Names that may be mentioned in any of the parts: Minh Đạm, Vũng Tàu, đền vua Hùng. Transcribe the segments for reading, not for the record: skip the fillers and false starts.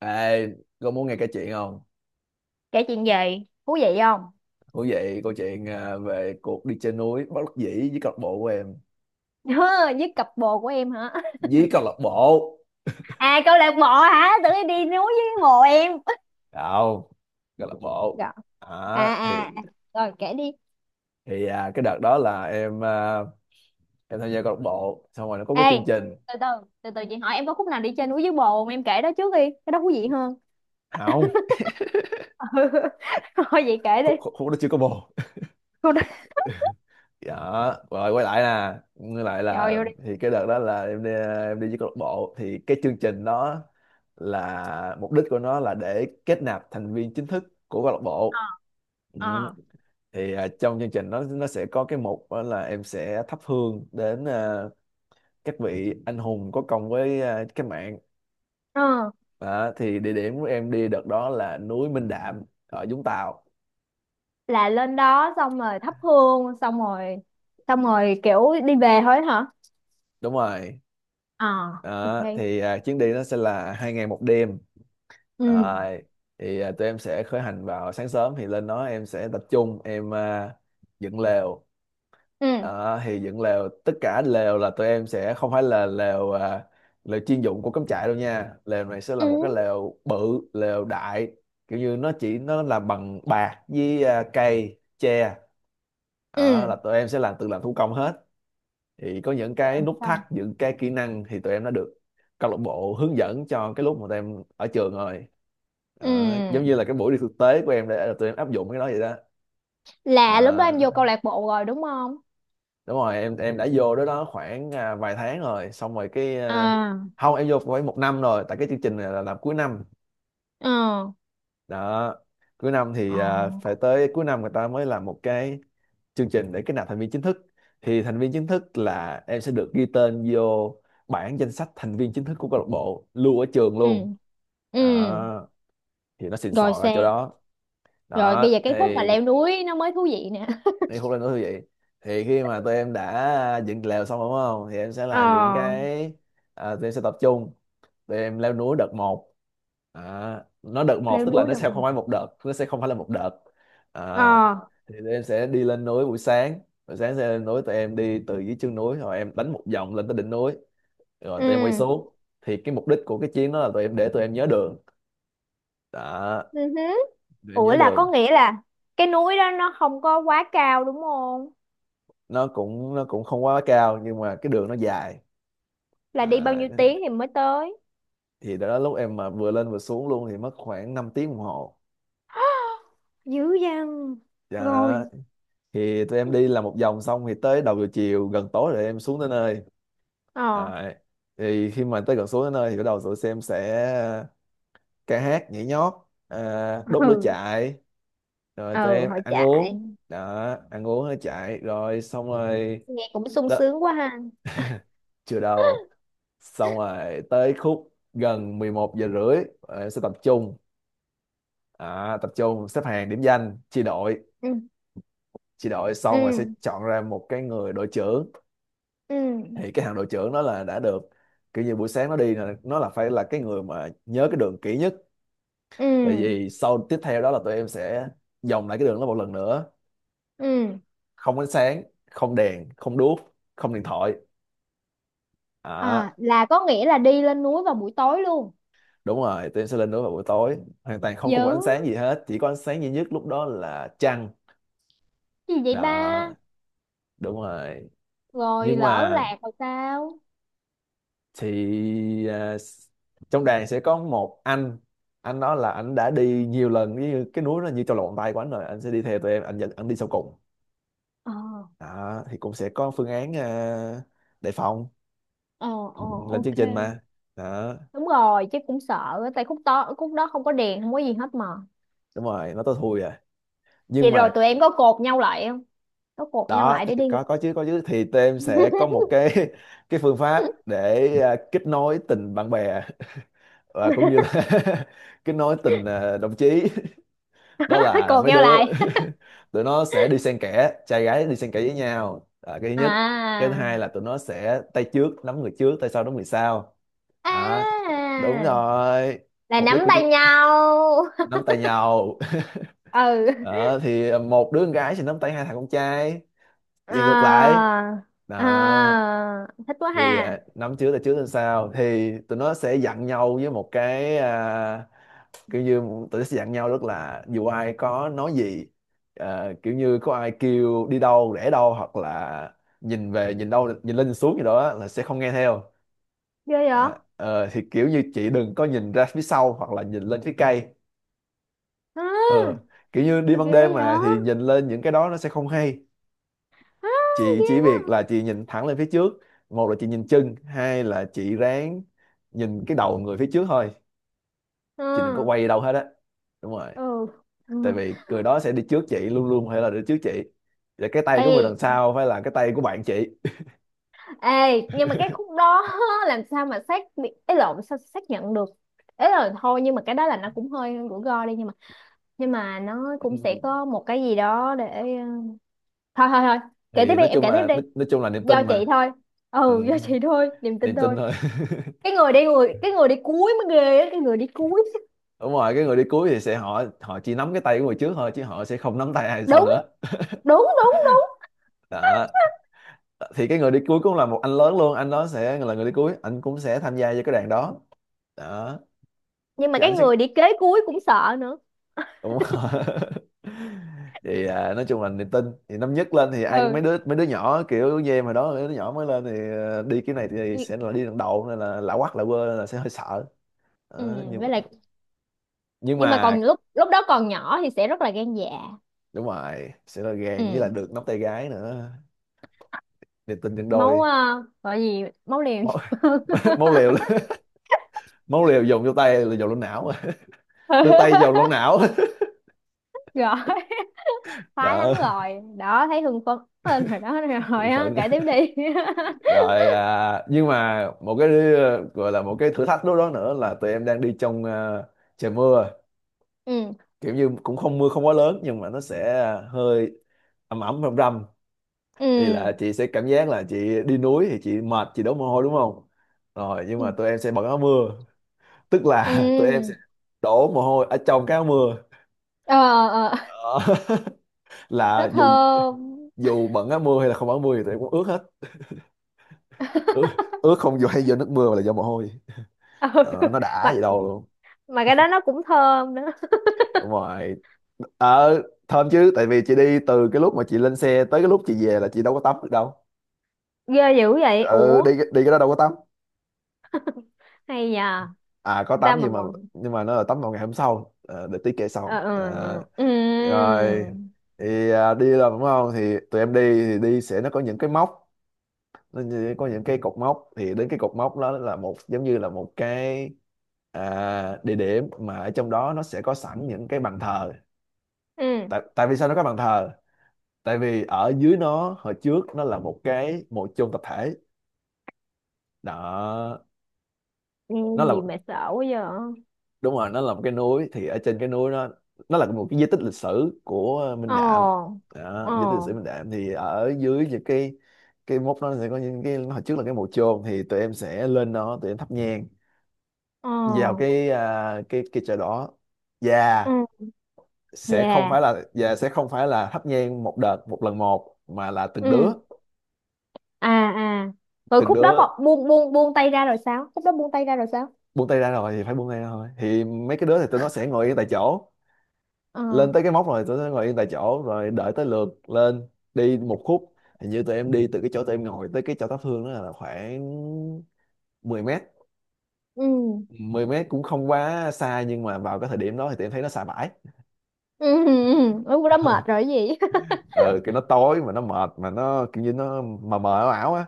Ê, có muốn nghe cái chuyện không? Kể chuyện gì thú vị không? Thú vị câu chuyện à, về cuộc đi trên núi bất đắc dĩ với câu lạc bộ của em Với cặp bồ của em hả? với câu lạc bộ À, câu lạc bộ. Hả? Tự nhiên đi núi với bồ em. không câu lạc bộ Dạ. à, À thì à à. Rồi kể đi. thì à, cái đợt đó là em à, em tham gia câu lạc bộ xong rồi nó có Ê, cái chương trình từ từ, từ từ chị hỏi em có khúc nào đi chơi núi với bồ không, em kể đó trước đi. Cái đó thú vị hơn. không Ừ. Thôi vậy kể đi. khúc khúc khúc đó chưa có bồ Cô đó. đó. Rồi quay lại nè. Quay lại Vô là vô đi. thì cái đợt đó là em đi à, em đi với câu lạc bộ thì cái chương trình đó là mục đích của nó là để kết nạp thành viên chính thức của câu lạc bộ. Ờ, Ừ. ờ. Thì à, trong chương trình nó sẽ có cái mục đó là em sẽ thắp hương đến à, các vị anh hùng có công với à, cách mạng. Ờ, Đó, thì địa điểm của em đi đợt đó là núi Minh Đạm ở Vũng Tàu. là lên đó xong rồi thắp hương xong rồi kiểu đi về thôi hả? Đúng rồi. Ờ. Ok. Đó, thì à, chuyến đi nó sẽ là 2 ngày 1 đêm. Ừ Rồi, thì à, tụi em sẽ khởi hành vào sáng sớm thì lên đó em sẽ tập trung em à, dựng lều. ừ Ờ, thì dựng lều tất cả lều là tụi em sẽ không phải là lều à, lều chuyên dụng của cắm trại đâu nha, lều này sẽ là ừ một cái lều bự, lều đại, kiểu như nó chỉ nó là bằng bạc với à, cây tre. Đó, ừ. là tụi em sẽ làm tự làm thủ công hết. Thì có những Rồi cái em nút thắt xong. những cái kỹ năng thì tụi em đã được câu lạc bộ hướng dẫn cho cái lúc mà tụi em ở trường rồi. Đó, Ừ, giống như là cái buổi đi thực tế của em để tụi em áp dụng cái đó vậy đó. là lúc đó em Ờ, vô câu lạc bộ rồi đúng không? đúng rồi, em đã vô đó đó khoảng à, vài tháng rồi xong rồi cái à, À. không em vô khoảng một năm rồi, tại cái chương trình này là làm cuối năm Ờ đó. Cuối năm thì ờ. à, phải tới cuối năm người ta mới làm một cái chương trình để kết nạp thành viên chính thức. Thì thành viên chính thức là em sẽ được ghi tên vô bảng danh sách thành viên chính thức của câu lạc bộ lưu ở trường Ừ luôn ừ. đó. Thì nó xịn sò Rồi ở sang. chỗ đó. Rồi Đó bây giờ cái thì khúc mà leo núi nó mới thú vị nè. đi khúc lên núi như vậy, thì khi mà tụi em đã à, dựng lều xong rồi đúng không, thì em sẽ Ờ. làm những cái à, tụi em sẽ tập trung, tụi em leo núi đợt một. À, nó đợt một Leo tức là núi nó được sẽ mà. không phải một đợt, nó sẽ không phải là một đợt à, Ờ. thì tụi em sẽ đi lên núi buổi sáng, buổi sáng sẽ lên núi. Tụi em đi từ dưới chân núi rồi em đánh một vòng lên tới đỉnh núi rồi tụi em quay Ừ. xuống. Thì cái mục đích của cái chuyến đó là tụi em để tụi em nhớ đường đó, Ừ hứ. tụi em Ủa, nhớ là đường. có nghĩa là cái núi đó nó không có quá cao đúng không? Nó cũng không quá cao nhưng mà cái đường nó dài Là đi bao à, nhiêu tiếng thì mới tới? thì đó lúc em mà vừa lên vừa xuống luôn thì mất khoảng 5 tiếng đồng hồ. Dữ dằn. Dạ, Rồi. thì tụi em đi làm một vòng xong thì tới đầu giờ chiều gần tối rồi em xuống tới nơi. Ờ. Đấy. Thì khi mà tới gần xuống tới nơi thì bắt đầu tụi em sẽ ca hát nhảy nhót à, đốt lửa Ừ. chạy, rồi tụi Ừ, em hội ăn trại. uống. Đó, ăn uống rồi chạy rồi xong rồi Nghe cũng sung đó. sướng quá ha. Chưa đầu, xong rồi tới khúc gần 11 giờ rưỡi em sẽ tập trung à, tập trung xếp hàng điểm danh chia đội. Ừ Chị đội ừ xong rồi sẽ chọn ra một cái người đội trưởng. ừ Thì cái thằng đội trưởng đó là đã được, kiểu như buổi sáng nó đi là nó là phải là cái người mà nhớ cái đường kỹ nhất. ừ. Tại vì sau tiếp theo đó là tụi em sẽ vòng lại cái đường đó một lần nữa. Ừ. Không ánh sáng, không đèn không đuốc, không điện thoại à. À, là có nghĩa là đi lên núi vào buổi tối luôn. Đúng rồi, tụi em sẽ lên đó vào buổi tối hoàn toàn không Dữ có một ánh sáng gì hết, chỉ có ánh sáng duy nhất lúc đó là trăng gì vậy ba? đó. Đúng rồi, Rồi nhưng lỡ mà lạc rồi sao? thì à, trong đoàn sẽ có một anh đó là anh đã đi nhiều lần, như cái núi nó như trong lòng bàn tay của anh rồi, anh sẽ đi theo tụi em, anh dẫn anh đi sau cùng. Ờ, Đó thì cũng sẽ có phương án à, đề phòng, ờ, ờ, lên chương ok. trình mà. Đó Đúng rồi, chứ cũng sợ á, tại khúc to khúc đó không có đèn, không có gì hết mà. đúng rồi, nó tới thui à, nhưng Vậy rồi mà tụi em có cột nhau lại không? Có cột nhau đó lại thì để đi. có chứ, có chứ, thì tụi em sẽ có một cái cái phương pháp để à, kết nối tình bạn bè và cũng như là kết nối tình à, đồng chí. Đó là Cột mấy nhau đứa lại. tụi nó sẽ đi xen kẽ trai gái, đi xen kẽ với nhau à, cái thứ nhất. Cái thứ À. hai là tụi nó sẽ tay trước nắm người trước, tay sau nắm người sau À. à, đúng rồi. Là Mục nắm đích của tay chứ, nhau. nắm tay nhau. Ừ. Ờ, thì một đứa con gái sẽ nắm tay hai thằng con trai và ngược lại À. đó. À. Thích quá Thì ha. à, nắm trước tay sau thì tụi nó sẽ dặn nhau với một cái à, kiểu như tụi nó sẽ dặn nhau rất là, dù ai có nói gì, ờ, kiểu như có ai kêu đi đâu rẽ đâu hoặc là nhìn về nhìn đâu nhìn lên nhìn xuống gì đó á, là sẽ không nghe theo. Ghê vậy? Ờ, ờ, thì kiểu như chị đừng có nhìn ra phía sau hoặc là nhìn lên phía cây. À. Ờ, kiểu như đi Sao ban đêm ghê vậy? mà thì nhìn lên những cái đó nó sẽ không hay. À, Chị ghê chỉ việc quá. là chị nhìn thẳng lên phía trước, một là chị nhìn chân, hai là chị ráng nhìn cái đầu người phía trước thôi, chị đừng có Ừ. quay đâu hết á. Đúng rồi, Ừ. tại Ừ. vì người đó sẽ đi trước chị, luôn luôn phải là đi trước chị, và cái tay Ê, của người đằng sau phải là cái tay của bạn chị. ê, nhưng mà cái khúc đó làm sao mà xác ấy lộn sao xác nhận được. Ấy là thôi, nhưng mà cái đó là nó cũng hơi rủi ro đi, nhưng mà, nhưng mà nó cũng sẽ có một cái gì đó để thôi thôi thôi. Kể tiếp Thì đi nói em, chung kể tiếp là đi. Nói chung là niềm Do tin chị mà. thôi. Ừ, Ừ, do chị thôi, niềm tin niềm tin thôi. thôi. Cái người đi, cuối mới ghê á, cái người đi cuối. Đúng rồi, cái người đi cuối thì sẽ họ họ chỉ nắm cái tay của người trước thôi chứ họ sẽ không nắm tay ai sau Đúng nữa đúng đúng. Đúng đó. Thì cái người đi cuối cũng là một anh lớn luôn, anh đó sẽ là người đi cuối, anh cũng sẽ tham gia vào cái đoàn đó đó nhưng mà chứ, cái anh sẽ người đi kế cuối cũng sợ nữa. đúng rồi. Thì à, nói chung là niềm tin, thì năm nhất lên thì ai, mấy Ừ. đứa mấy đứa nhỏ kiểu như em hồi đó, mấy đứa nhỏ mới lên thì ờ, đi cái này thì sẽ là đi lần đầu nên là lạ quắc lạ quơ nên là sẽ hơi sợ. Ừ, Đó, nhưng với lại, nhưng nhưng mà mà còn lúc lúc đó còn nhỏ thì sẽ rất là gan dạ. đúng rồi, sẽ là gàn với là Ừ, được nắm tay gái nữa, niềm tin nhân máu, đôi. Gọi gì, máu liều Máu nhiều hơn. máu liều, máu liều dồn vô tay là dồn lên não. Từ tay dồn lên não. Rồi. Khoái lắm Đó. rồi đó, thấy hưng phấn lên rồi đó. Rồi á, Phận kể tiếp đi. rồi à, nhưng mà một cái ờ, gọi là một cái thử thách lúc đó nữa là tụi em đang đi trong ờ, trời mưa, Ừ kiểu như cũng không mưa không quá lớn nhưng mà nó sẽ ờ, hơi ẩm ẩm râm râm. ừ Thì là chị sẽ cảm giác là chị đi núi thì chị mệt chị đổ mồ hôi đúng không, rồi nhưng ừ mà tụi em sẽ bận áo mưa, tức là tụi em sẽ ừ. đổ mồ hôi ở trong cái áo mưa. Ờ. Ờ, Đó. nó Là dù thơm. dù bận áo mưa hay là không bận áo mưa thì tụi em cũng ướt hết. ướt, Ướt không dù hay do nước mưa mà là do mồ hôi. Ừ. Đó, nó đã mà vậy đâu luôn. mà cái đó nó cũng thơm nữa. Đúng rồi, ờ thơm chứ, tại vì chị đi từ cái lúc mà chị lên xe tới cái lúc chị về là chị đâu có tắm được đâu. Ghê dữ vậy Ừ, đi ủa. đi cái đó đâu có tắm. Hay nhờ. À có tắm Sao mà bọn. nhưng mà nó là tắm vào ngày hôm sau. Ờ, để tí kể Ờ. sau. Ờ, Ừ ừ rồi thì đi là đúng không thì tụi em đi, thì đi sẽ nó có những cái móc, có những cái cột mốc, thì đến cái cột mốc đó là một giống như là một cái địa điểm mà ở trong đó nó sẽ có sẵn những cái bàn thờ. ừ. Tại tại vì sao nó có bàn thờ? Tại vì ở dưới nó, hồi trước nó là một cái mộ chôn tập thể. Đó, Nghe nó là, gì mà sợ quá giờ. đúng rồi, nó là một cái núi thì ở trên cái núi nó là một cái di tích lịch sử của Minh Đạm. Ồ. Đó, Ồ. di tích lịch sử Minh Đạm, thì ở dưới những cái mốc đó sẽ có những cái hồi trước là cái mộ chôn, thì tụi em sẽ lên đó tụi em thắp nhang Ồ. vào cái cái chợ đó. và Ừ. sẽ không Dạ. phải là sẽ không phải là thắp nhang một đợt một lần một, mà là từng Ừ. đứa, À. À. Rồi từng khúc đó bọc đứa. buông buông buông tay ra rồi sao? Khúc đó buông tay ra rồi sao? Buông tay ra rồi thì phải buông tay ra thôi, thì mấy cái đứa thì tụi nó sẽ ngồi yên tại chỗ, Ờ. lên tới cái móc rồi tụi nó ngồi yên tại chỗ rồi đợi tới lượt lên. Đi một khúc, hình như tụi em đi từ cái chỗ tụi em ngồi tới cái chỗ thắp hương đó là khoảng 10 mét. Ừ 10 mét cũng không quá xa nhưng mà vào cái thời điểm đó thì tụi em thấy nó xa bãi. ừ ừ. Ừ, khúc đó mệt rồi cái gì. Ờ, cái nó tối mà nó mệt mà nó kiểu như nó mờ mờ ảo ảo á.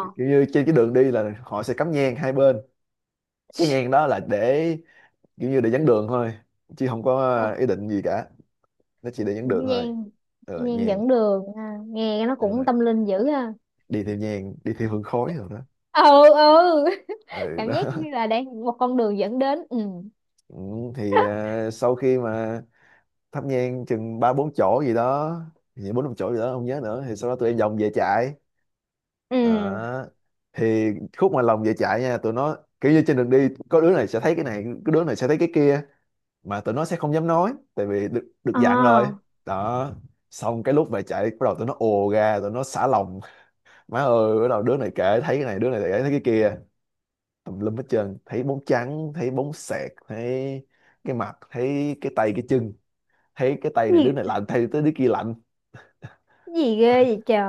Kiểu như trên cái đường đi là họ sẽ cắm nhang hai bên, cái nhang đó là để kiểu như để dẫn đường thôi, chứ không có Ờ, ý định gì cả, nó chỉ để dẫn đường thôi. nhan. Ờ, Nhan nhàn. dẫn đường à, nghe nó Đúng, cũng tâm linh dữ ha. đi theo nhang, đi theo hương khói rồi đó. Ừ. Ừ. Ừ Cảm đó. giác như là đang một con đường dẫn đến. Ừ. Ừ, thì sau khi mà thắp nhang chừng ba bốn chỗ gì đó, thì bốn năm chỗ gì đó không nhớ nữa, thì sau đó tụi em vòng về chạy. Ừ. Đó, thì khúc mà lòng về chạy nha, tụi nó kiểu như trên đường đi có đứa này sẽ thấy cái này, có đứa này sẽ thấy cái kia, mà tụi nó sẽ không dám nói tại vì được được Ờ. dặn rồi. Đó, xong cái lúc về chạy bắt đầu tụi nó ồ ra, tụi nó xả lòng. Má ơi, bắt đầu đứa này kể thấy cái này, đứa này kể thấy cái kia, tùm lum hết trơn, thấy bóng trắng, thấy bóng sẹt, thấy cái mặt, thấy cái tay cái chân, thấy cái tay này đứa Gì, này lạnh, thấy tới đứa kia lạnh. gì ghê vậy trời.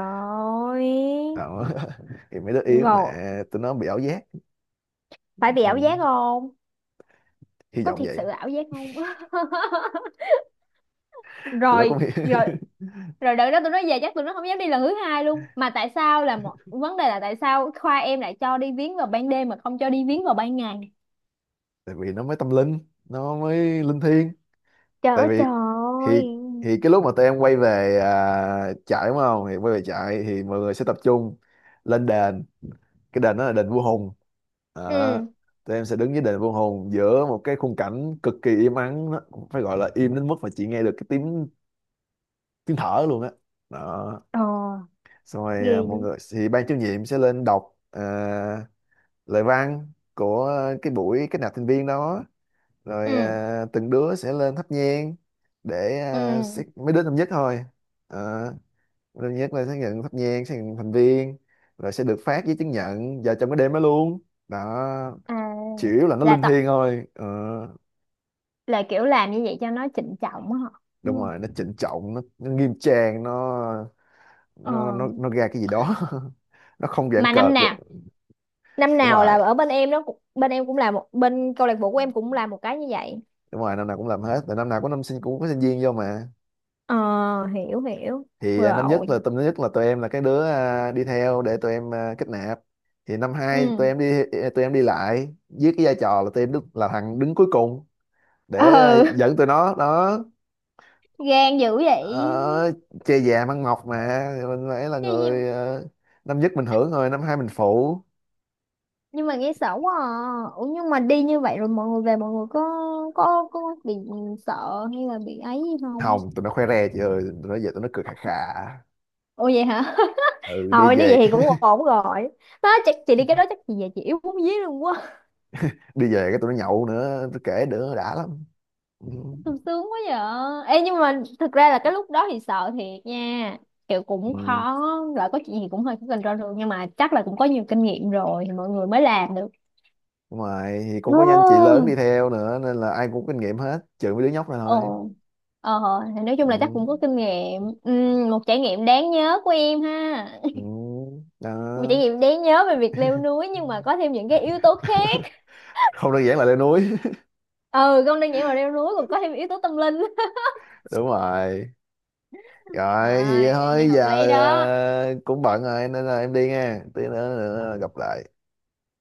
Đó. Thì mấy đứa yếu mà Ngộ. tụi nó bị ảo giác. Phải bị ảo Ừ, giác không. hy Có vọng thiệt vậy. sự ảo giác không? Tụi nó cũng Rồi rồi. hy- Rồi đợt đó tụi nó về chắc tụi nó không dám đi lần thứ hai luôn. Mà tại sao là một vấn đề là tại sao khoa em lại cho đi viếng vào ban đêm mà không cho đi viếng vào ban ngày? tại vì nó mới tâm linh, nó mới linh thiêng. Trời Tại ơi vì trời ơi. thì thì cái lúc mà tụi em quay về trại đúng không, thì quay về trại thì mọi người sẽ tập trung lên đền. Cái đền đó là đền vua Hùng. Đó, Ừ. tụi em sẽ đứng với đền vô hồn giữa một cái khung cảnh cực kỳ im ắng, nó cũng phải gọi là im đến mức mà chị nghe được cái tiếng tiếng thở luôn á. Đó, Ờ, xong rồi ghê mọi dữ. người thì ban chủ nhiệm sẽ lên đọc lời văn của cái buổi kết nạp thành viên đó. Rồi Ừ. Từng đứa sẽ lên thắp nhang để sẽ- Ừ. mấy đứa năm nhất thôi. Ờ, mấy đứa năm nhất là sẽ nhận thắp nhang, sẽ nhận thành viên, rồi sẽ được phát giấy chứng nhận vào trong cái đêm đó luôn. Đó, À, chủ yếu là nó là linh tập, thiêng thôi. Ờ, là kiểu làm như vậy cho nó trịnh trọng á họ đúng đúng không? rồi, nó trịnh trọng, nó nghiêm trang, nó nó Ờ. nó nó ra cái gì đó. Nó không giãn Mà năm cợt được. nào, năm Đúng nào là rồi, ở bên em cũng là một, bên câu lạc bộ của em cũng làm một cái như vậy. đúng rồi, năm nào cũng làm hết, tại năm nào có năm sinh cũng có sinh viên vô mà. Ờ, hiểu hiểu. Thì năm nhất Rồi. là tâm nhất là tụi em là cái đứa đi theo để tụi em kết nạp. Thì năm Ừ. hai tụi em đi, tụi em đi lại với cái vai trò là tụi em đứng, là thằng đứng cuối cùng để Ừ. dẫn tụi nó đó. Gan dữ vậy. Ờ, chơi già mang mọc mà thì mình phải là chứ gì- người năm nhất mình hưởng rồi năm hai mình phụ. nhưng mà nghe sợ quá à. Ủa, nhưng mà đi như vậy rồi mọi người về mọi người có bị sợ hay là bị ấy gì không? Hồng, tụi nó khoe re chị ơi, tụi nó về tụi nó cười khà khà. Ủa vậy hả. Ừ, đi Thôi nếu về. vậy thì cũng ổn rồi. Đó chắc chị đi cái đó chắc chị về chị yếu bún dí luôn quá. Đi về cái tụi nó nhậu nữa, tôi kể nữa đã lắm. Ừ. Sung sướng quá vậy. Ê, nhưng mà thực ra là cái lúc đó thì sợ thiệt nha, kiểu cũng Ừ. khó, là có chuyện gì cũng hơi có control được, nhưng mà chắc là cũng có nhiều kinh nghiệm rồi thì mọi người mới làm Đúng rồi, thì cũng có anh chị lớn đi được. theo nữa nên là ai cũng có kinh nghiệm hết, trừ mấy đứa nhóc này thôi. Ồ, ờ, thì nói chung là chắc Ừ. cũng có kinh nghiệm. Một trải nghiệm đáng nhớ của em ha. Ừ. Một trải Đó. nghiệm đáng nhớ về việc leo núi nhưng mà có thêm những cái yếu tố khác. Không đơn giản là leo núi. Ừ, không đơn giản là leo núi còn có thêm yếu tố tâm linh. Đúng rồi. Rồi À, thì nghe thôi hợp giờ lý đó. ờ, cũng bận rồi nên là em đi nha. Tí nữa, Ờ, nữa gặp lại.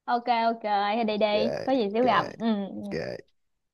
ok, ok, thì đi đi, Yeah, có gì xíu gặp. yeah, Ừ. yeah.